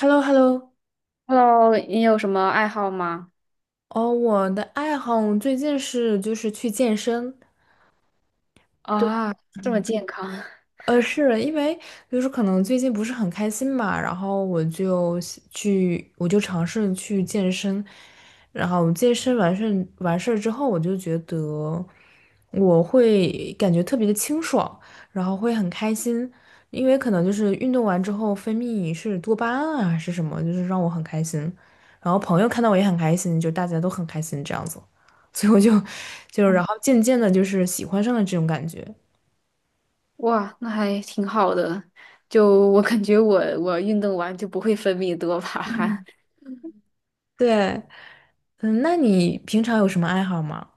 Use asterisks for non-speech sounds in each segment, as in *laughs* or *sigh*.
h e l l o h e l l o Hello，你有什么爱好吗？哦，我的爱好最近是就是去健身，啊，这么健康，是因为就是可能最近不是很开心吧，然后我就想去，我就尝试去健身，然后健身完事儿之后，我就觉得我会感觉特别的清爽，然后会很开心，因为可能就是运动完之后分泌是多巴胺啊，还是什么，就是让我很开心，然后朋友看到我也很开心，就大家都很开心这样子，所以我就 *laughs* 就然后渐渐的就是喜欢上了这种感觉。哇，那还挺好的。就我感觉我运动完就不会分泌多巴胺。对，嗯，那你平常有什么爱好吗？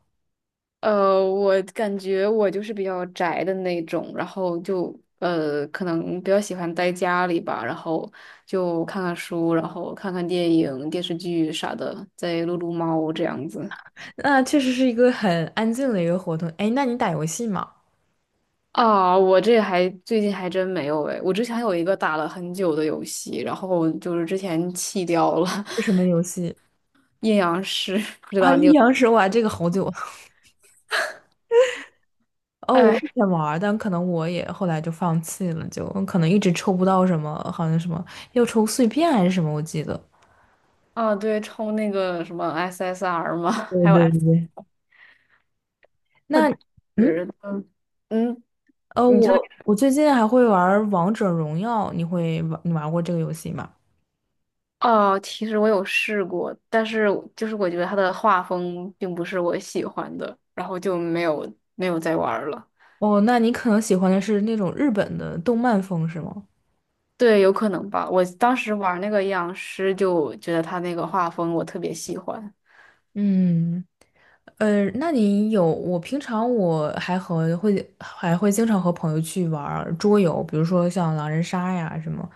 *laughs* 我感觉我就是比较宅的那种，然后就可能比较喜欢待家里吧，然后就看看书，然后看看电影、电视剧啥的，再撸撸猫这样子。那确实是一个很安静的一个活动。哎，那你打游戏吗？啊，我这还最近还真没有诶，我之前有一个打了很久的游戏，然后就是之前弃掉了。 是什么游戏？*laughs* 阴阳师，不知啊，道你阴有？阳师，玩这个好久 *laughs*。哦，我哎，以前玩儿但可能我也后来就放弃了，就可能一直抽不到什么，好像什么要抽碎片还是什么，我记得。啊，对，抽那个什么 SSR 嘛，对还有 对 S，对。它那，嗯，是嗯，你说。我最近还会玩儿王者荣耀，你玩过这个游戏吗？哦，其实我有试过，但是就是我觉得它的画风并不是我喜欢的，然后就没有再玩儿了。哦，那你可能喜欢的是那种日本的动漫风，是吗？对，有可能吧。我当时玩那个阴阳师，就觉得他那个画风我特别喜欢。嗯。那你有，我平常我还会经常和朋友去玩儿桌游，比如说像狼人杀呀什么，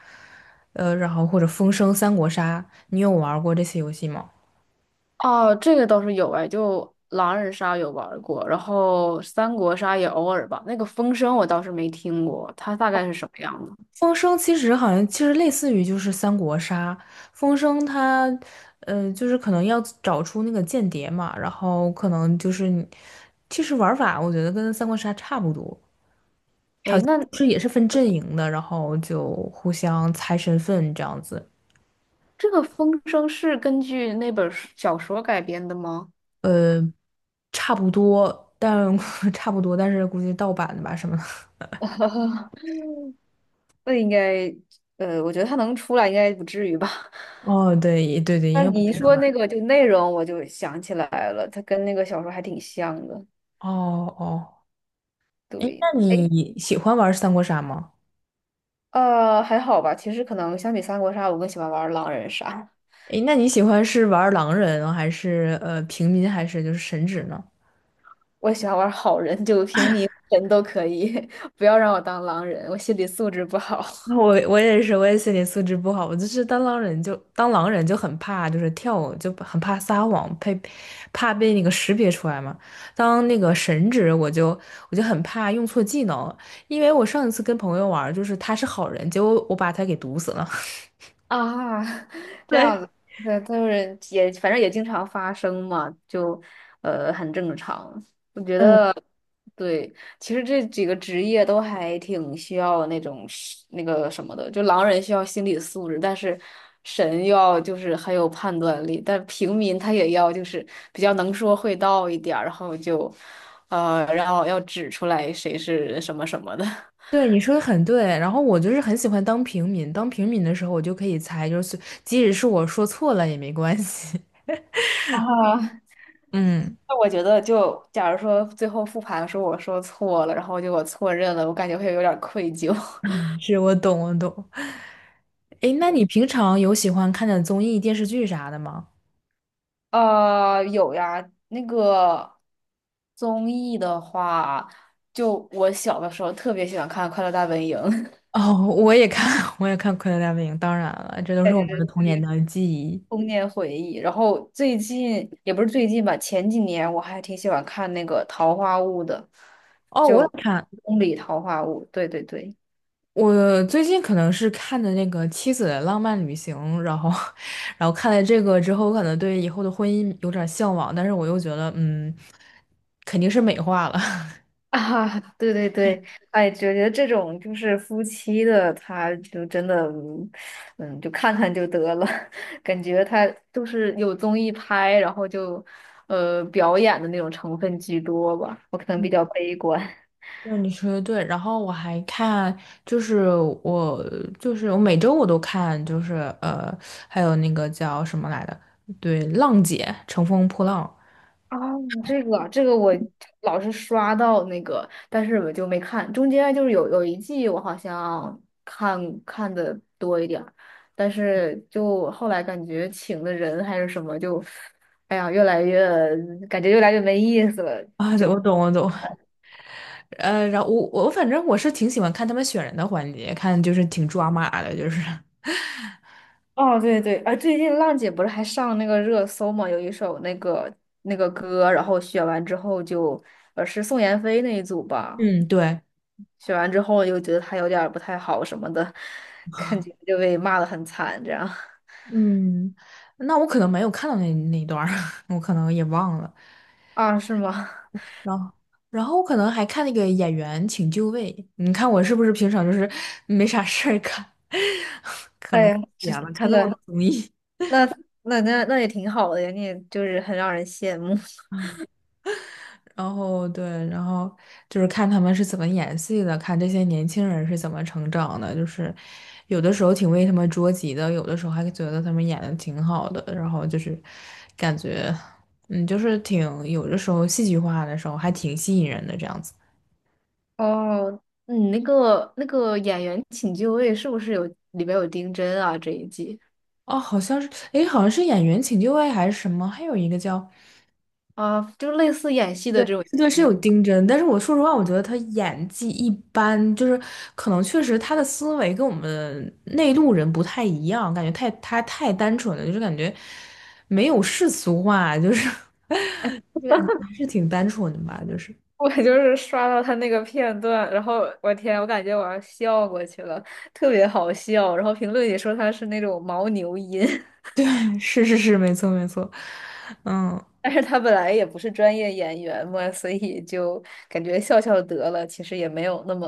然后或者风声、三国杀，你有玩儿过这些游戏吗？哦，这个倒是有哎，就狼人杀有玩儿过，然后三国杀也偶尔吧。那个风声我倒是没听过，它大概是什么样的？风声其实好像其实类似于就是三国杀，风声它，就是可能要找出那个间谍嘛，然后可能就是你其实玩法我觉得跟三国杀差不多，哎，那就是也是分阵营的，然后就互相猜身份这样子。这个风声是根据那本儿书小说改编的吗？呃。差不多，但 *laughs* 差不多，但是估计盗版的吧什么的。*laughs* 那应该，我觉得它能出来应该不至于吧。*laughs* 哦，对对对，应但该是不你一是盗说版。那个就内容，我就想起来了，它跟那个小说还挺像的。哦哦，哎，对，那哎，你喜欢玩三国杀吗？还好吧。其实可能相比三国杀，我更喜欢玩狼人杀。哎，那你喜欢是玩狼人还是呃平民还是就是神职呢？我喜欢玩好人，*laughs* 就平民人都可以，*laughs* 不要让我当狼人，我心理素质不好。*laughs* 我也是，我也心理素质不好，我就是当狼人就当狼人就很怕，就是跳舞就很怕撒谎，怕被那个识别出来嘛。当那个神职，我就很怕用错技能，因为我上一次跟朋友玩儿就是他是好人，结果我把他给毒死了。*laughs* 啊，*laughs* 这样对，子。对，就是也反正也经常发生嘛，就很正常。我觉嗯，得，对，其实这几个职业都还挺需要那种是那个什么的，就狼人需要心理素质，但是神要就是很有判断力，但平民他也要就是比较能说会道一点儿，然后就然后要指出来谁是什么什么的。*laughs* 对，你说的很对。然后我就是很喜欢当平民，当平民的时候我就可以猜，就是即使是我说错了也没关系。*laughs* 啊，嗯，那我觉得就假如说最后复盘说我说错了，然后就我错认了，我感觉会有点儿愧疚。*laughs* 是我懂，我懂。诶，那对，你平常有喜欢看的综艺、电视剧啥的吗？有呀，那个综艺的话，就我小的时候特别喜欢看《快乐大本营》。哦，我也看，*laughs* 我也看《快乐大本营》，当然了，这都是我们的童年的记忆。*laughs* 童年回忆，然后最近也不是最近吧，前几年我还挺喜欢看那个《桃花坞》的，哦，我就也看，宫里桃花坞，对对对。我最近可能是看的那个《妻子的浪漫旅行》，然后，*laughs* 然后看了这个之后，我可能对以后的婚姻有点向往，但是我又觉得，嗯，肯定是美化了。*laughs* *laughs* 啊，对对对，哎，觉得这种就是夫妻的，他就真的，就看看就得了。*laughs* 感觉他就是有综艺拍，然后就，表演的那种成分居多吧，我可能比较悲观。对，你说的对。然后我还看，就是我我每周我都看，就是呃，还有那个叫什么来的，对，浪姐乘风破浪啊，这个我老是刷到那个，但是我就没看。中间就是有一季我好像看看的多一点儿，但是就后来感觉请的人还是什么就，哎呀，越来越感觉越来越没意思了。啊，对我懂我懂。然后我反正我是挺喜欢看他们选人的环节，看就是挺抓马的，就是 *laughs* 哦，对对，啊，最近浪姐不是还上那个热搜嘛，有一首那个歌，然后选完之后就是宋妍霏那一组吧，嗯对选完之后又觉得他有点儿不太好什么的，看见就被骂的很惨，这样。 嗯，那我可能没有看到那一段儿 *laughs* 我可能也忘了。*laughs* 啊，是吗？然后，然后我可能还看那个演员请就位。你看我是不是平常就是没啥事儿干，*laughs* 可哎能呀，这闲了看这这么多个综艺。那那也挺好的呀，你也就是很让人羡慕。 然后对，然后就是看他们是怎么演戏的，看这些年轻人是怎么成长的，就是有的时候挺为他们着急的，有的时候还觉得他们演的挺好的，然后就是感觉，嗯，就是挺有的时候戏剧化的时候还挺吸引人的这样子。*laughs* 哦。你那个演员请就位是不是有里边有丁真啊这一季哦，好像是，诶，好像是演员请就位还是什么，还有一个叫啊，就类似演戏的对，这种对，节是目。有 *laughs* 丁真，但是我说实话，我觉得他演技一般，就是可能确实他的思维跟我们内陆人不太一样，感觉太他太单纯了，就是感觉没有世俗化，就是 *laughs* 就感觉还是挺单纯的吧，就是 我就是刷到他那个片段，然后我天，我感觉我要笑过去了，特别好笑。然后评论里说他是那种牦牛音。*laughs* *laughs* 是是是，没错没错，嗯，但是他本来也不是专业演员嘛，所以就感觉笑笑得了，其实也没有那么。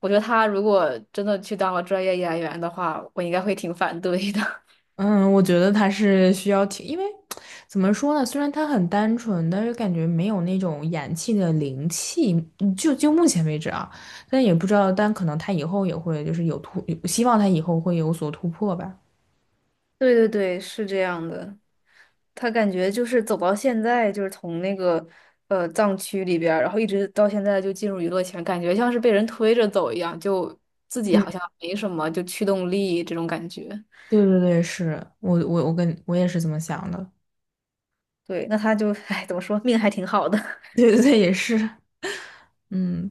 我觉得他如果真的去当了专业演员的话，我应该会挺反对的。*laughs* 嗯，我觉得他是需要挺，因为怎么说呢？虽然他很单纯，但是感觉没有那种演气的灵气。嗯就目前为止啊，但也不知道，但可能他以后也会就是有突，希望他以后会有所突破吧。对对对，是这样的。他感觉就是走到现在，就是从那个藏区里边儿，然后一直到现在就进入娱乐圈，感觉像是被人推着走一样，就自己嗯，好像没什么就驱动力这种感觉。对对对，是我跟我也是这么想的。对，那他就，哎，怎么说，命还挺好的。*laughs* *laughs* 对对对，也是。嗯。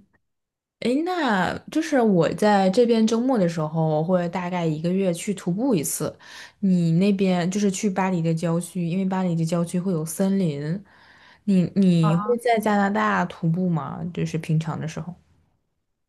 诶，那就是我在这边周末的时候，我会大概一个月去徒步一次。你那边就是去巴黎的郊区，因为巴黎的郊区会有森林。你啊。会在加拿大徒步吗？就是平常的时候。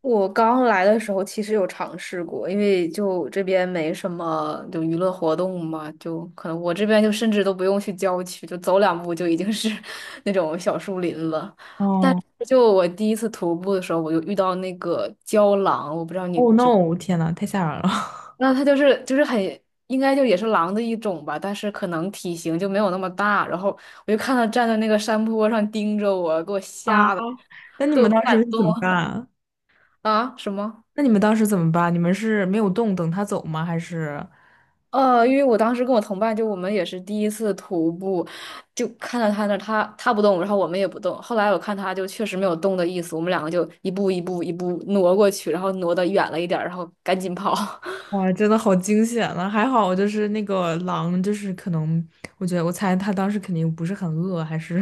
我刚来的时候其实有尝试过，因为就这边没什么就娱乐活动嘛，就可能我这边就甚至都不用去郊区，就走两步就已经是 *laughs* 那种小树林了。但哦是就我第一次徒步的时候，我就遇到那个郊狼，我不知道你哦知，，no！天呐，太吓人了 *laughs*。那它就是很应该就也是狼的一种吧，但是可能体型就没有那么大。然后我就看它站在那个山坡上盯着我，给我啊，吓得那你们都不当敢时是动。怎么办啊啊！什么？那你们当时怎么办？你们是没有动，等他走吗？还是？因为我当时跟我同伴，就我们也是第一次徒步，就看到他那儿，他不动，然后我们也不动。后来我看他就确实没有动的意思，我们两个就一步一步一步挪过去，然后挪的远了一点儿，然后赶紧跑。*laughs* 哇，真的好惊险啊！还好就是那个狼，就是可能，我觉得我猜他当时肯定不是很饿，还是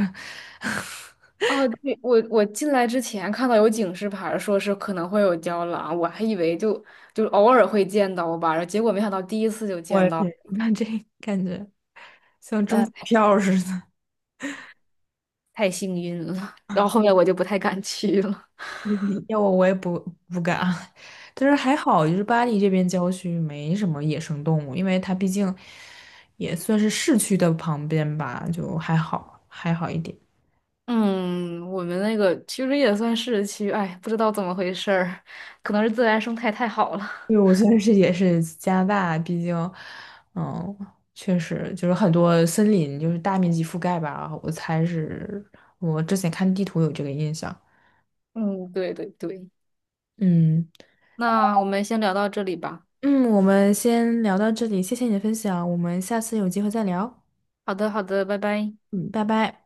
*laughs* 哦，对，我进来之前看到有警示牌儿，说是可能会有郊狼，我还以为就偶尔会见到吧，然后结果没想到第一次就见我到，天，*laughs* 那这感觉像中呃，彩票似的。*laughs* 太幸运了。然后后面我就不太敢去了。嗯要我也不敢，*laughs* 但是还好，就是巴黎这边郊区没什么野生动物，因为它毕竟也算是市区的旁边吧，就还好，还好一点。嗯，我们那个其实也算市区，哎，不知道怎么回事儿，可能是自然生态太好了。对，我觉得是也是加拿大，毕竟，嗯，确实就是很多森林就是大面积覆盖吧，我猜是我之前看地图有这个印象。*laughs* 嗯，对对对，嗯那我们先聊到这里吧。嗯，我们先聊到这里，谢谢你的分享，我们下次有机会再聊。好的，好的，拜拜。嗯，拜拜。